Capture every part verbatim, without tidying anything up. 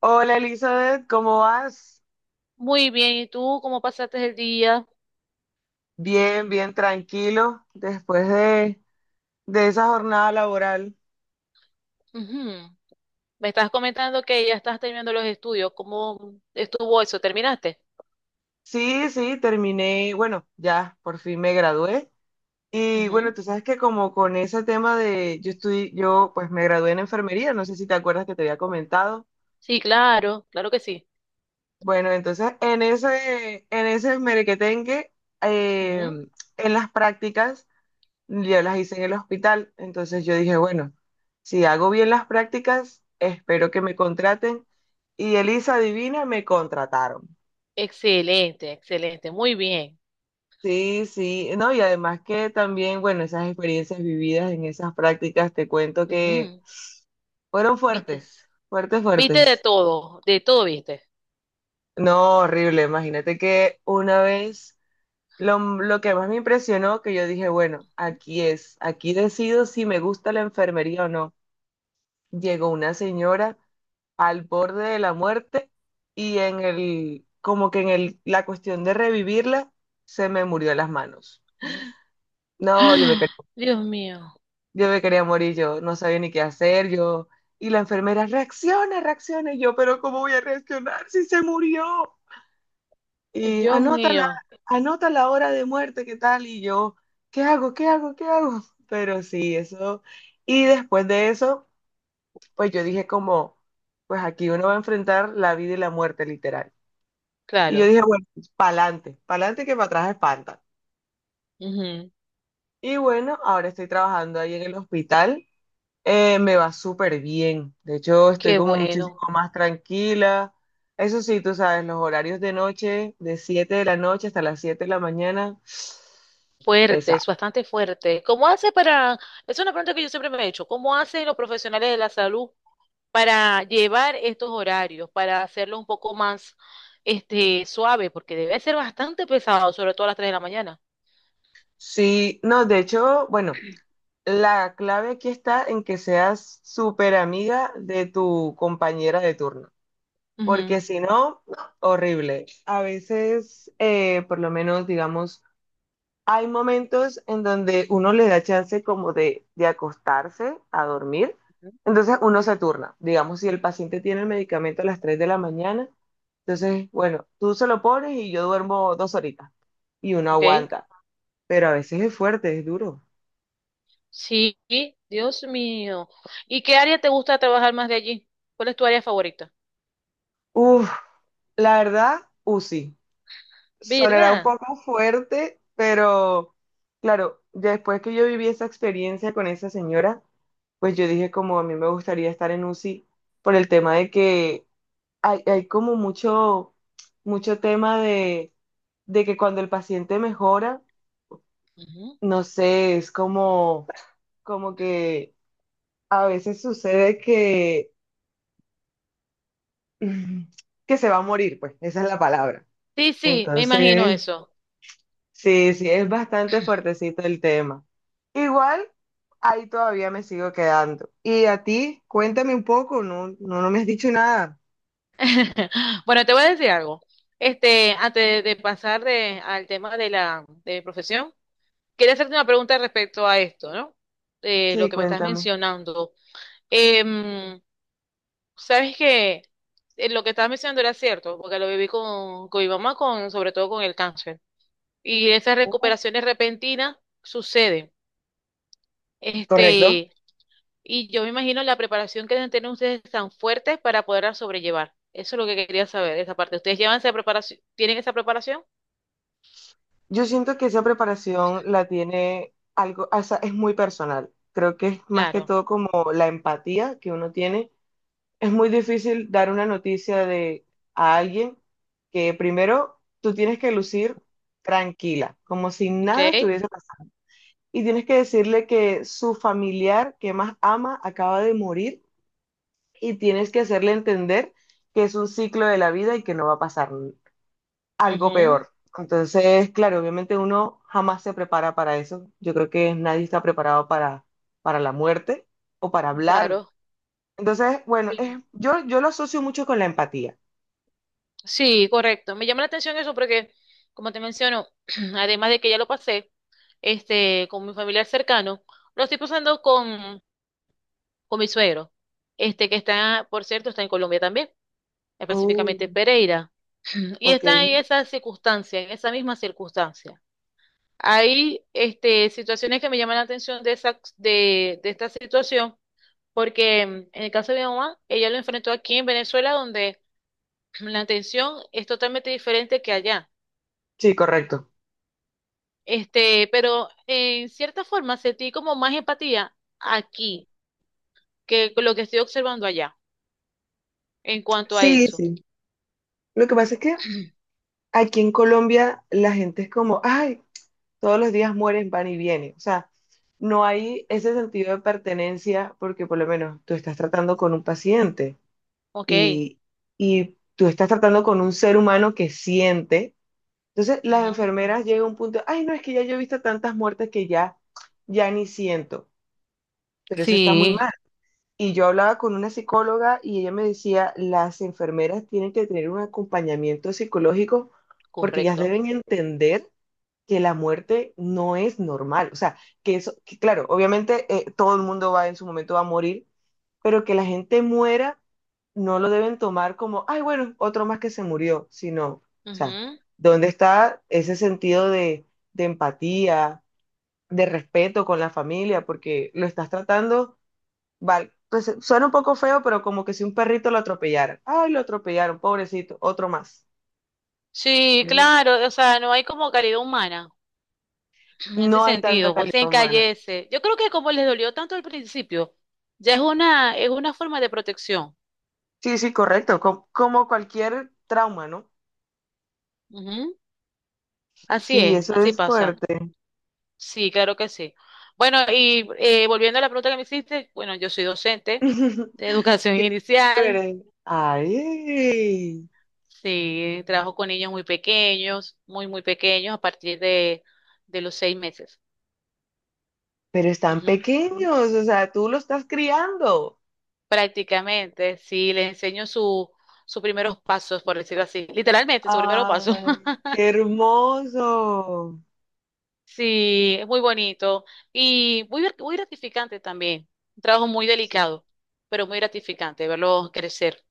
Hola Elizabeth, ¿cómo vas? Muy bien, ¿y tú cómo pasaste el día? Bien, bien, tranquilo después de, de esa jornada laboral. Ujú. Me estás comentando que ya estás terminando los estudios. ¿Cómo estuvo eso? ¿Terminaste? Sí, sí, terminé, bueno, ya por fin me gradué. Y bueno, Ujú. tú sabes que como con ese tema de, yo estoy, yo pues me gradué en enfermería, no sé si te acuerdas que te había comentado. Sí, claro, claro que sí. Bueno, entonces en ese, en ese merequetengue, eh, Ujú. en las prácticas. Ya las hice en el hospital, entonces yo dije, bueno, si hago bien las prácticas, espero que me contraten. Y Elisa Divina me contrataron. Excelente, excelente, muy bien. Sí, sí, no, y además que también, bueno, esas experiencias vividas en esas prácticas, te cuento que Ujú. fueron ¿Viste? fuertes, fuertes, ¿Viste de fuertes. todo? De todo viste. No, horrible, imagínate que una vez, lo, lo que más me impresionó, que yo dije, bueno, Ujú. aquí es, aquí decido si me gusta la enfermería o no. Llegó una señora al borde de la muerte y en el, como que en el, la cuestión de revivirla, se me murió las manos. No, yo me quería, ¡Ah! Dios mío, yo me quería morir, yo no sabía ni qué hacer, yo, y la enfermera, reacciona, reacciona, y yo, pero ¿cómo voy a reaccionar si se murió? eh, Y Dios anota la, mío, anota la hora de muerte, ¿qué tal? Y yo, ¿qué hago? ¿Qué hago? ¿Qué hago? Pero sí, eso. Y después de eso, pues yo dije como, pues aquí uno va a enfrentar la vida y la muerte, literal. Y yo claro. dije, bueno, pa'lante, pa'lante que para atrás espanta. Ujú. Y bueno, ahora estoy trabajando ahí en el hospital. Eh, me va súper bien. De hecho, estoy Qué como muchísimo bueno, más tranquila. Eso sí, tú sabes, los horarios de noche, de siete de la noche hasta las siete de la mañana, fuerte, pesado. es bastante fuerte. ¿Cómo hace para... es una pregunta que yo siempre me he hecho. ¿Cómo hacen los profesionales de la salud para llevar estos horarios, para hacerlo un poco más, este, suave, porque debe ser bastante pesado, sobre todo a las tres de la mañana? Sí, no, de hecho, bueno, la clave aquí está en que seas súper amiga de tu compañera de turno. Porque Ujú. si no, no, horrible. A veces, eh, por lo menos, digamos, hay momentos en donde uno le da chance como de, de acostarse a dormir, Ujú. entonces uno se turna. Digamos, si el paciente tiene el medicamento a las tres de la mañana, entonces, bueno, tú se lo pones y yo duermo dos horitas y uno Ok, aguanta, pero a veces es fuerte, es duro. sí, Dios mío. ¿Y qué área te gusta trabajar más de allí? ¿Cuál es tu área favorita? Uf, la verdad, u UCI. Sonará un ¿Verdad? poco fuerte, pero claro, ya después que yo viví esa experiencia con esa señora, pues yo dije como a mí me gustaría estar en UCI por el tema de que hay, hay como mucho, mucho tema de, de que cuando el paciente mejora, Ujú. no sé, es como, como que a veces sucede que, que se va a morir, pues, esa es la palabra. Sí, sí, me imagino Entonces, eso. sí, sí, es bastante fuertecito el tema. Igual, ahí todavía me sigo quedando. Y a ti, cuéntame un poco, no, no, no me has dicho nada. Bueno, te voy a decir algo. Este, antes de pasar de- al tema de la de mi profesión, quería hacerte una pregunta respecto a esto, ¿no? Eh, lo Sí, que me estás cuéntame. mencionando. Em, sabes que lo que estabas mencionando era cierto, porque lo viví con, con mi mamá, con, sobre todo con el cáncer. Y esas Ujú. recuperaciones repentinas suceden. Correcto. Este, y yo me imagino la preparación que deben tener ustedes tan fuerte para poderla sobrellevar. Eso es lo que quería saber, esa parte. ¿Ustedes llevan esa preparación? ¿Tienen esa preparación? Yo siento que esa preparación la tiene algo, o sea, es muy personal. Creo que es más que Claro. todo como la empatía que uno tiene. Es muy difícil dar una noticia de a alguien que primero tú tienes que lucir tranquila, como si Ok. nada estuviese y tienes que decirle que su familiar que más ama acaba de morir y tienes que hacerle entender que es un ciclo de la vida y que no va a pasar algo Ujú. peor. Entonces, claro, obviamente uno jamás se prepara para eso. Yo creo que nadie está preparado para, para la muerte o para hablar. Claro. Entonces, bueno, Sí. es- yo, yo lo asocio mucho con la empatía. Sí, correcto. Me llama la atención eso porque, como te menciono, además de que ya lo pasé, este, con mi familiar cercano, lo estoy pasando con, con mi suegro, este, que está, por cierto, está en Colombia también, específicamente Oh, Pereira, y ok. está en esa circunstancia, en esa misma circunstancia. Hay, este, situaciones que me llaman la atención de esa, de, de esta situación, porque mm, en el caso de mi mamá, ella lo enfrentó aquí en Venezuela, donde la atención es totalmente diferente que allá. Sí, correcto. Este, pero en cierta forma sentí como más empatía aquí que con lo que estoy observando allá en cuanto a Sí, eso. sí. Lo que pasa es que aquí en Colombia la gente es como, ay, todos los días mueren, van y vienen. O sea, no hay ese sentido de pertenencia porque por lo menos tú estás tratando con un paciente Ok. y, y tú estás tratando con un ser humano que siente. Entonces las Ujú. enfermeras llegan a un punto, ay, no, es que ya yo he visto tantas muertes que ya, ya ni siento, pero eso está muy Sí, mal. Y yo hablaba con una psicóloga y ella me decía, las enfermeras tienen que tener un acompañamiento psicológico porque ellas correcto. deben entender que la muerte no es normal. O sea, que eso, que claro, obviamente eh, todo el mundo va en su momento va a morir, pero que la gente muera no lo deben tomar como, ay, bueno, otro más que se murió, sino, o sea, Ujú. ¿dónde está ese sentido de, de empatía, de respeto con la familia? Porque lo estás tratando, vale, pues suena un poco feo, pero como que si un perrito lo atropellara, ay, lo atropellaron, pobrecito, otro más. Sí, claro, o sea, no hay como caridad humana en ese No hay tanta sentido, pues calidad se humana. encallece. Yo creo que como les dolió tanto al principio, ya es una, es una forma de protección. Sí, sí, correcto, co- como cualquier trauma, ¿no? Ujú. Así Sí, es, eso así es pasa. fuerte. Sí, claro que sí. Bueno, y eh, volviendo a la pregunta que me hiciste, bueno, yo soy docente de educación Qué inicial, chévere. Ay, sí, trabajo con niños muy pequeños, muy, muy pequeños, a partir de, de los seis meses. pero están Ujú. pequeños, o sea, tú los estás criando. Prácticamente, sí, les enseño su, sus primeros pasos, por decirlo así, literalmente, su primeros pasos. Ay, qué hermoso. Sí, es muy bonito y muy, grat- muy gratificante también. Un trabajo muy Sí. delicado, pero muy gratificante verlos crecer.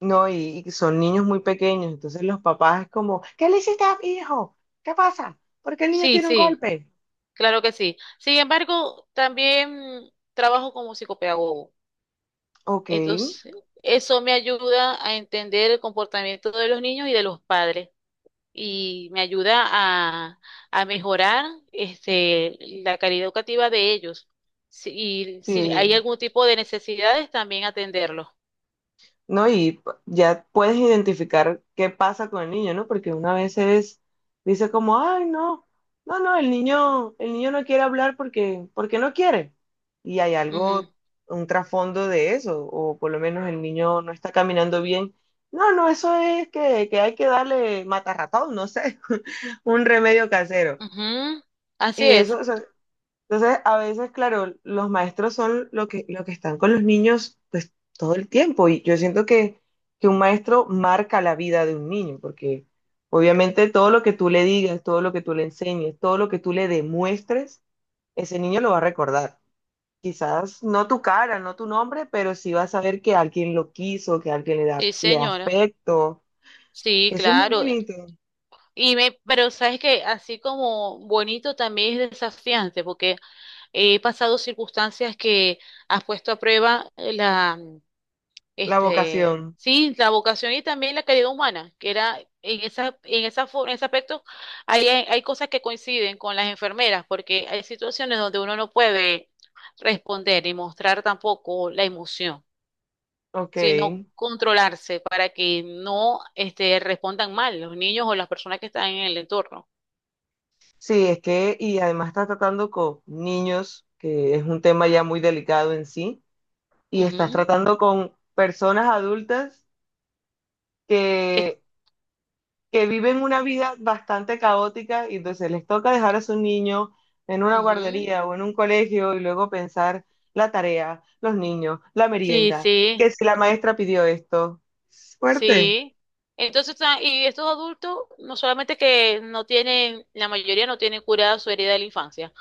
No, y, y son niños muy pequeños, entonces los papás es como, ¿qué le hiciste a mi hijo? ¿Qué pasa? ¿Por qué el niño Sí, tiene un sí. golpe? Claro que sí. Sin embargo, también trabajo como psicopedagogo. Ok, Entonces, eso me ayuda a entender el comportamiento de los niños y de los padres y me ayuda a, a mejorar, este, la calidad educativa de ellos. Si, y si hay sí. algún tipo de necesidades, también atenderlos. ¿No? Y ya puedes identificar qué pasa con el niño, ¿no? Porque una vez es, dice como, ay, no, no, no, el niño, el niño no quiere hablar porque, porque no quiere. Y hay Ujú, algo, un trasfondo de eso, o por lo menos el niño no está caminando bien. No, no, eso es que, que hay que darle matarratón, no sé, un remedio casero. ujú. Así Y eso, es. o sea, entonces, a veces, claro, los maestros son lo que, lo que están con los niños, pues, todo el tiempo. Y yo siento que, que un maestro marca la vida de un niño, porque obviamente todo lo que tú le digas, todo lo que tú le enseñes, todo lo que tú le demuestres, ese niño lo va a recordar. Quizás no tu cara, no tu nombre, pero sí va a saber que alguien lo quiso, que alguien le da, Sí, le da señora. afecto. Sí, Eso es muy claro. bonito, Y me, pero sabes que así como bonito también es desafiante, porque he pasado circunstancias que has puesto a prueba eh, la, mm, la este, vocación. sí, la vocación y también la calidad humana, que era en esa, en esa, fo- en ese aspecto hay, hay hay cosas que coinciden con las enfermeras, porque hay situaciones donde uno no puede responder y mostrar tampoco la emoción, Ok. sino controlarse para que no, este, respondan mal los niños o las personas que están en el entorno. Sí, es que, y además estás tratando con niños, que es un tema ya muy delicado en sí, y estás Ujú. tratando con personas adultas Que- que, que viven una vida bastante caótica y entonces les toca dejar a su niño en una Ujú. guardería o en un colegio y luego pensar la tarea, los niños, la Sí, merienda, sí. que si la maestra pidió esto. Fuerte, Sí. Entonces, ah, y estos adultos, no solamente que no tienen, la mayoría no tienen curada su herida de la infancia,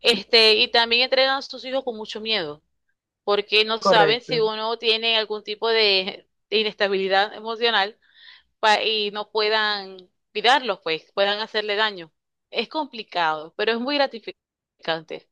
este, y también entregan a sus hijos con mucho miedo, porque no saben si correcto. uno tiene algún tipo de, de inestabilidad emocional pa- y no puedan cuidarlos, pues, puedan hacerle daño. Es complicado, pero es muy gratificante.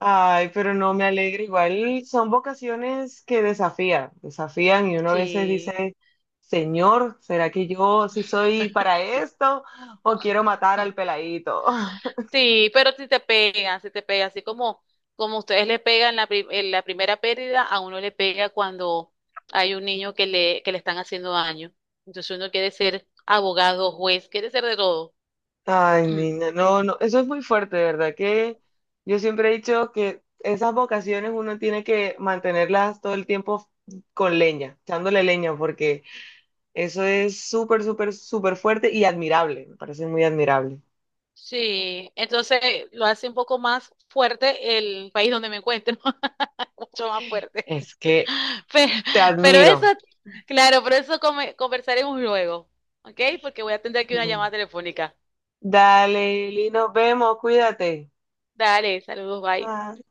Ay, pero no me alegra. Igual son vocaciones que desafían, desafían y uno a veces Sí. dice, Señor, ¿será que yo sí soy para esto o quiero matar al peladito? Sí, pero si te pegan, si te pega, así como, como ustedes le pegan la, pri- en la primera pérdida, a uno le pega cuando hay un niño que le, que le están haciendo daño. Entonces uno quiere ser abogado, juez, quiere ser de todo. Ay, niña, no, no, eso es muy fuerte, de verdad que yo siempre he dicho que esas vocaciones uno tiene que mantenerlas todo el tiempo con leña, echándole leña, porque eso es súper, súper, súper fuerte y admirable, me parece muy admirable. Sí, entonces lo hace un poco más fuerte el país donde me encuentro, mucho más fuerte. Es que Pero, te pero eso, admiro. claro, pero eso come- conversaremos luego, ¿ok? Porque voy a atender aquí una llamada telefónica. Dale, Lili, nos vemos, cuídate. Dale, saludos, bye. Bye.